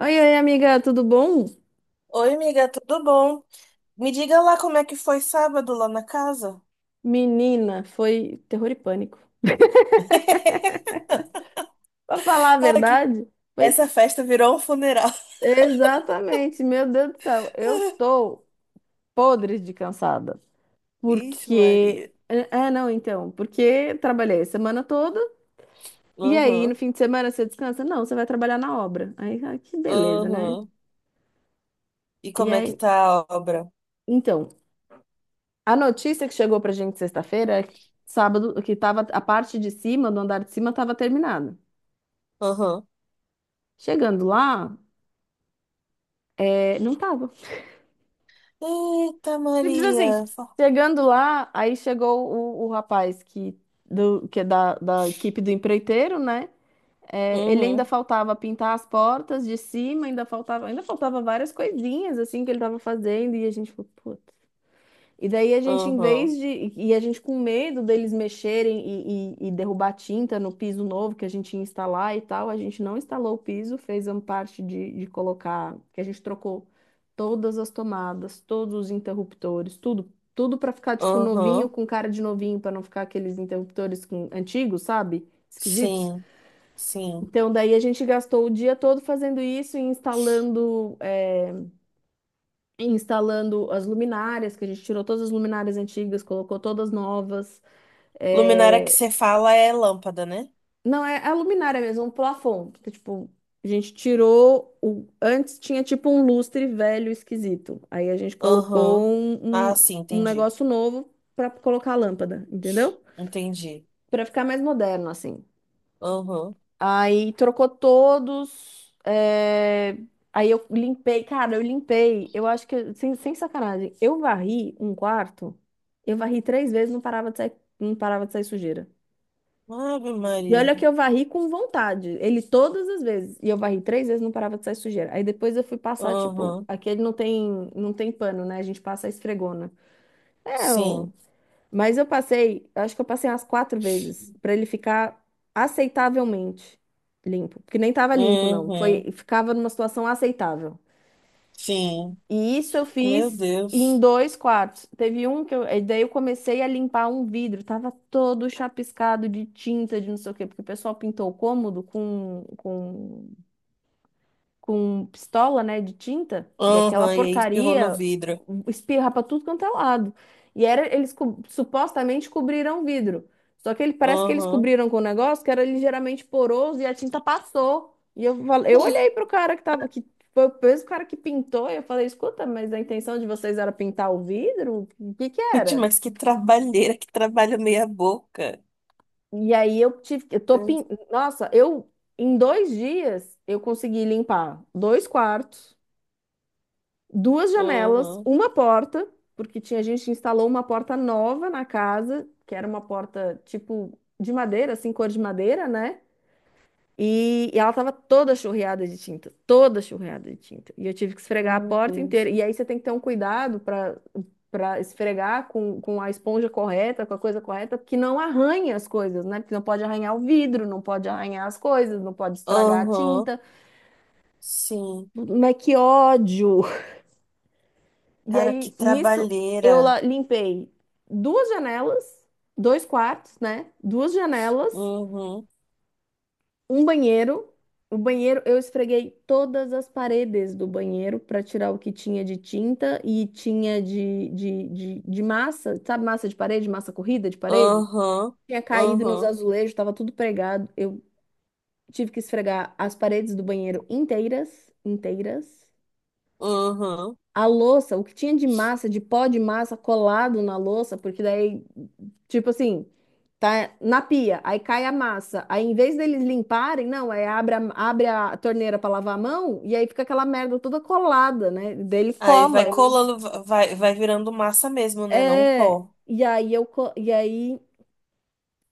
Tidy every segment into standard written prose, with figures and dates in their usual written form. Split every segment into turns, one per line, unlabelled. Oi, oi, amiga, tudo bom?
Oi, amiga, tudo bom? Me diga lá como é que foi sábado lá na casa.
Menina, foi terror e pânico. Pra falar a
Ai, que-
verdade, foi
Essa festa virou um funeral.
exatamente, meu Deus do céu, eu tô podre de cansada.
Ixi,
Porque.
Maria.
Ah, ah, não, então, porque trabalhei a semana toda e aí no
Uhum,
fim de semana você descansa? Não, você vai trabalhar na obra. Aí, ah, que beleza, né?
uhum. E
E
como é que
aí,
tá a obra?
então, a notícia que chegou pra gente sexta-feira, é que sábado, que tava a parte de cima, do andar de cima, tava terminada.
Uhum.
Chegando lá, não tava.
Eita,
Simples assim.
Maria. Fa-
Chegando lá, aí chegou o rapaz que, que é da equipe do empreiteiro, né? É, ele ainda
Uhum,
faltava pintar as portas de cima, ainda faltava várias coisinhas assim que ele estava fazendo, e a gente falou, pô. E daí a gente, em
uhum,
vez de. E a gente com medo deles mexerem e derrubar tinta no piso novo que a gente ia instalar e tal, a gente não instalou o piso, fez a parte de, colocar, que a gente trocou todas as tomadas, todos os interruptores, tudo. Tudo para ficar, tipo, novinho,
uhum.
com cara de novinho, para não ficar aqueles interruptores antigos, sabe? Esquisitos.
Sim, sim.
Então, daí a gente gastou o dia todo fazendo isso e instalando as luminárias, que a gente tirou todas as luminárias antigas, colocou todas novas.
Luminária que
É,
você fala é lâmpada, né?
Não, é a luminária mesmo, um plafond, que, tipo, a gente tirou Antes tinha tipo um lustre velho esquisito. Aí a gente colocou
Uhum.
um,
Ah,
um,
sim,
um
entendi.
negócio novo para colocar a lâmpada, entendeu?
Entendi.
Para ficar mais moderno, assim.
Uhum.
Aí trocou todos. Aí eu limpei, cara, eu limpei. Eu acho que, sem sacanagem, eu varri um quarto, eu varri três vezes, não parava de sair sujeira.
Ave
E
Maria.
olha que eu varri com vontade, ele todas as vezes. E eu varri três vezes, não parava de sair sujeira. Aí depois eu fui passar, tipo,
Uhum.
aquele não tem pano, né? A gente passa a esfregona. É,
Sim.
mas eu passei, acho que eu passei umas quatro vezes pra ele ficar aceitavelmente limpo, porque nem tava limpo não,
Uhum.
foi ficava numa situação aceitável.
Sim.
E isso eu
Meu
fiz em
Deus.
dois quartos. Teve um que daí eu comecei a limpar um vidro, tava todo chapiscado de tinta, de não sei o quê, porque o pessoal pintou o cômodo com com pistola, né, de tinta, e
Uhum.
aquela
E aí espirrou no
porcaria
vidro.
espirra para tudo quanto é lado. E era, eles supostamente cobriram o vidro. Só que ele parece que eles
Uhum.
cobriram com um negócio que era ligeiramente poroso e a tinta passou. E eu falei, eu olhei pro cara que tava que foi o mesmo cara que pintou, e eu falei, escuta, mas a intenção de vocês era pintar o vidro? O que que
Gente,
era?
mas que trabalheira, que trabalho meia boca.
E aí eu tive, eu tô pin... Nossa, eu em 2 dias eu consegui limpar dois quartos, duas janelas,
Uhum.
uma porta, porque tinha a gente instalou uma porta nova na casa, que era uma porta tipo de madeira, assim, cor de madeira, né? E ela tava toda churreada de tinta, toda churreada de tinta. E eu tive que esfregar a
Meu
porta
Deus.
inteira. E aí você tem que ter um cuidado para esfregar com a esponja correta, com a coisa correta, porque não arranha as coisas, né? Porque não pode arranhar o vidro, não pode arranhar as coisas, não pode estragar a
Uhum.
tinta.
Sim.
Mas que ódio! E
Cara, que
aí, nisso, eu
trabalheira.
limpei duas janelas, dois quartos, né? Duas janelas,
Uhum.
um banheiro. O banheiro, eu esfreguei todas as paredes do banheiro para tirar o que tinha de tinta e tinha de, de massa, sabe, massa de parede, massa corrida de parede?
Uhum.
Tinha caído nos
Uhum.
azulejos, estava tudo pregado. Eu tive que esfregar as paredes do banheiro inteiras, inteiras.
Uhum.
A louça, o que tinha de massa, de pó de massa colado na louça, porque daí, tipo assim, tá na pia, aí cai a massa. Aí em vez deles limparem, não, é abre a torneira para lavar a mão e aí fica aquela merda toda colada, né? Dele
Aí vai
cola.
colando, vai, vai virando massa mesmo, né? Não o
É,
pó.
e aí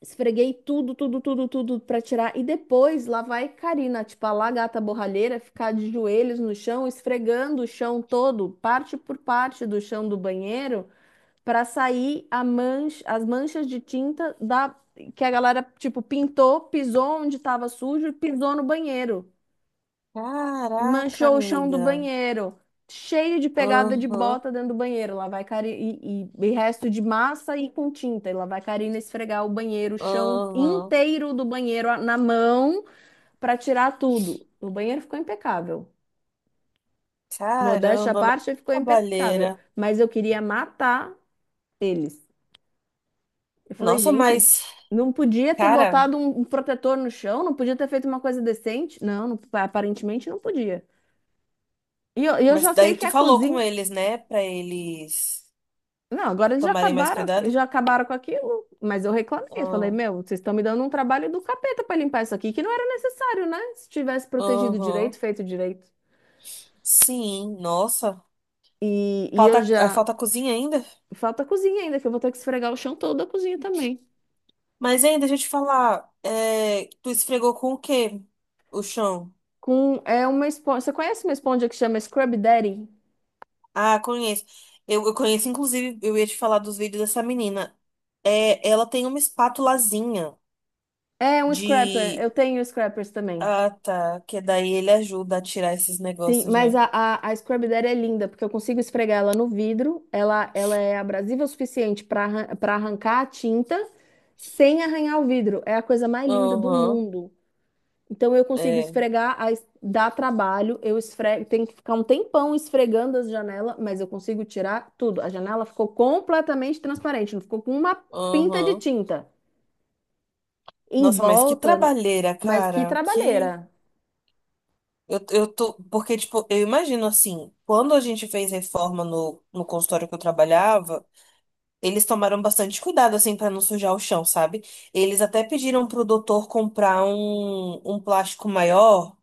esfreguei tudo, tudo, tudo, tudo para tirar e depois lá vai Karina, tipo a lá gata borralheira, ficar de joelhos no chão, esfregando o chão todo, parte por parte do chão do banheiro. Para sair a mancha, as manchas de tinta da que a galera tipo pintou, pisou onde estava sujo, pisou no banheiro e
Caraca,
manchou o chão do
amiga.
banheiro, cheio de pegada de
Aham.
bota dentro do banheiro. Lá vai Karina e resto de massa e com tinta. E lá vai Karina esfregar o banheiro, o chão
Aham.
inteiro do banheiro na mão para tirar tudo. O banheiro ficou impecável. Modéstia à
Caramba, mas que
parte, ficou impecável,
trabalheira.
mas eu queria matar eles. Eu falei,
Nossa,
gente,
mas,
não podia ter
cara,
botado um protetor no chão, não podia ter feito uma coisa decente. Não, aparentemente não podia. E eu
mas
já sei
daí
que
tu
a
falou com
cozinha.
eles, né? Pra eles
Não, agora eles já
tomarem mais
acabaram,
cuidado?
já acabaram com aquilo, mas eu reclamei. Eu falei,
Ah,
meu, vocês estão me dando um trabalho do capeta para limpar isso aqui, que não era necessário, né? Se tivesse protegido
aham.
direito, feito direito.
Sim, nossa.
E eu
Falta, ah,
já.
falta cozinha ainda?
Falta a cozinha ainda, que eu vou ter que esfregar o chão todo da cozinha também.
Mas ainda, deixa eu te falar, é, tu esfregou com o quê? O chão.
Com, é uma esponja. Você conhece uma esponja que chama Scrub Daddy?
Ah, conheço. Eu conheço, inclusive, eu ia te falar dos vídeos dessa menina. É, ela tem uma espátulazinha
É um scrapper.
de
Eu tenho scrappers também.
Ah, tá. Que daí ele ajuda a tirar esses
Sim,
negócios,
mas
né?
a Scrub Daddy é linda, porque eu consigo esfregar ela no vidro, ela é abrasiva o suficiente para arrancar a tinta sem arranhar o vidro. É a coisa mais linda do
Aham,
mundo. Então eu consigo
é.
esfregar, dá trabalho, eu esfrego, tenho que ficar um tempão esfregando as janelas, mas eu consigo tirar tudo. A janela ficou completamente transparente, não ficou com uma pinta de
Aham.
tinta. Em
Nossa, mas que
volta,
trabalheira,
mas que
cara. Que.
trabalheira.
Eu tô. Porque, tipo, eu imagino assim, quando a gente fez reforma no, no consultório que eu trabalhava, eles tomaram bastante cuidado, assim, pra não sujar o chão, sabe? Eles até pediram pro doutor comprar um, um plástico maior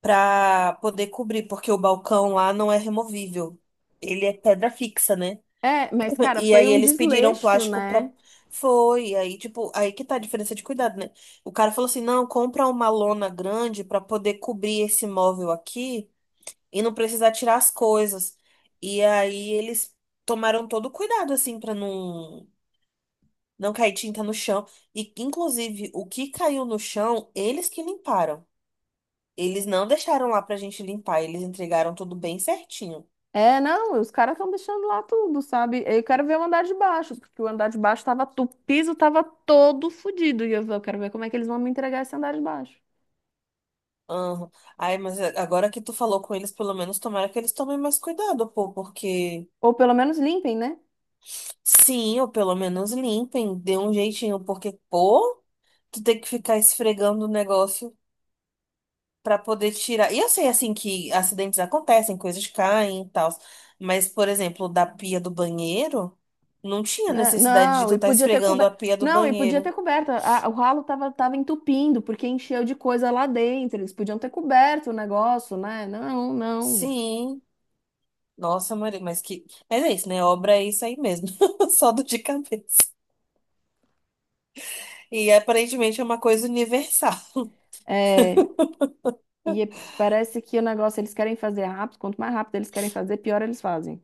pra poder cobrir, porque o balcão lá não é removível. Ele é pedra fixa, né?
É, mas cara,
E
foi
aí
um
eles pediram
desleixo,
plástico pra.
né?
Foi, aí, tipo, aí que tá a diferença de cuidado, né? O cara falou assim: não, compra uma lona grande pra poder cobrir esse móvel aqui e não precisar tirar as coisas. E aí eles tomaram todo o cuidado, assim, pra não, não cair tinta no chão. E, inclusive, o que caiu no chão, eles que limparam. Eles não deixaram lá pra gente limpar, eles entregaram tudo bem certinho.
É, não, os caras estão deixando lá tudo, sabe? Eu quero ver o andar de baixo, porque o andar de baixo tava, o piso tava todo fodido. E eu quero ver como é que eles vão me entregar esse andar de baixo.
Aham. Ai, mas é, agora que tu falou com eles, pelo menos tomara que eles tomem mais cuidado, pô, porque
Ou pelo menos limpem, né?
sim, ou pelo menos limpem, dê um jeitinho, porque, pô, tu tem que ficar esfregando o negócio pra poder tirar. E eu sei, assim, que acidentes acontecem, coisas caem e tal, mas, por exemplo, da pia do banheiro, não tinha
Né?
necessidade de
Não,
tu
e
estar
podia ter
esfregando a
coberto.
pia do
Não, e podia ter
banheiro.
coberto. O ralo tava entupindo, porque encheu de coisa lá dentro. Eles podiam ter coberto o negócio, né? Não, não.
Sim, nossa, Maria, mas que. Mas é isso, né? Obra é isso aí mesmo, só do de cabeça. E aparentemente é uma coisa universal.
É, e parece que o negócio eles querem fazer rápido. Quanto mais rápido eles querem fazer, pior eles fazem.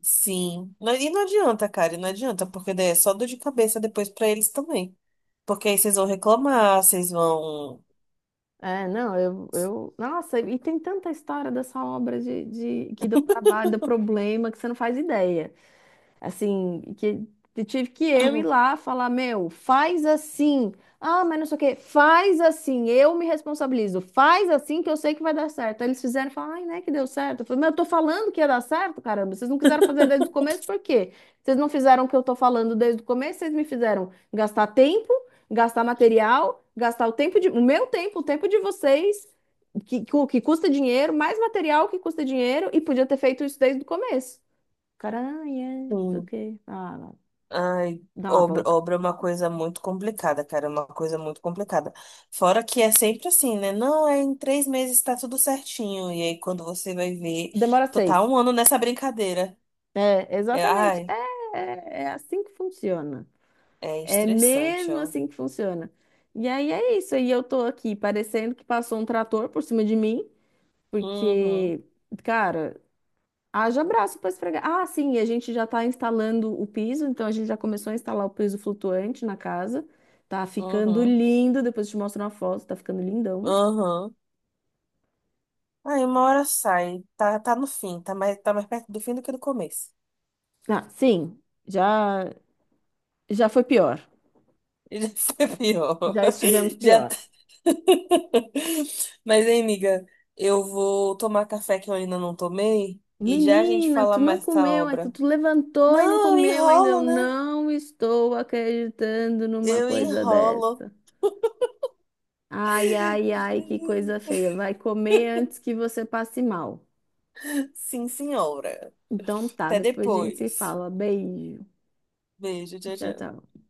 Sim. Não- E não adianta, cara, e não adianta, porque daí é só dor de cabeça depois pra eles também. Porque aí vocês vão reclamar, vocês vão.
É, não, eu, eu. Nossa, e tem tanta história dessa obra de, que deu trabalho, deu problema, que você não faz ideia. Assim, que tive que eu ir lá falar, meu, faz assim. Ah, mas não sei o quê. Faz assim, eu me responsabilizo. Faz assim que eu sei que vai dar certo. Aí eles fizeram e falaram, ai, né, que deu certo. Eu falei, mas eu tô falando que ia dar certo, caramba. Vocês não quiseram fazer desde o começo, por quê? Vocês não fizeram o que eu tô falando desde o começo, vocês me fizeram gastar tempo, gastar material, gastar o tempo de, o meu tempo, o tempo de vocês, que, que custa dinheiro, mais material que custa dinheiro, e podia ter feito isso desde o começo. Caranha,
Hum.
ok. Ah,
Ai,
dá uma
obra,
volta.
obra é uma coisa muito complicada, cara, é uma coisa muito complicada. Fora que é sempre assim, né? Não, é em 3 meses tá tudo certinho. E aí quando você vai ver,
Demora
tu tá
seis.
1 ano nessa brincadeira.
É,
É,
exatamente.
ai,
É assim que funciona.
é
É
estressante,
mesmo
ó.
assim que funciona. E aí é isso. E eu tô aqui parecendo que passou um trator por cima de mim,
Uhum,
porque, cara, haja braço pra esfregar. Ah, sim, e a gente já tá instalando o piso, então a gente já começou a instalar o piso flutuante na casa. Tá ficando
uhum,
lindo. Depois eu te mostro uma foto, tá ficando lindão.
uhum. Aí uma hora sai, tá, tá no fim, tá mais perto do fim do que do começo.
Ah, sim, já, já foi pior.
E já foi pior.
Já estivemos
Já
pior.
tá... Mas, hein, amiga, eu vou tomar café que eu ainda não tomei e já a gente
Menina,
fala
tu não
mais dessa
comeu, aí tu
obra.
tu levantou e não
Não, eu
comeu ainda. Eu
enrolo, né?
não estou acreditando numa
Eu
coisa
enrolo.
dessa. Ai, ai, ai, que coisa feia. Vai comer antes que você passe mal.
Sim, senhora.
Então tá,
Até
depois a gente se
depois.
fala. Beijo.
Beijo, tchau,
Tchau,
tchau.
tchau.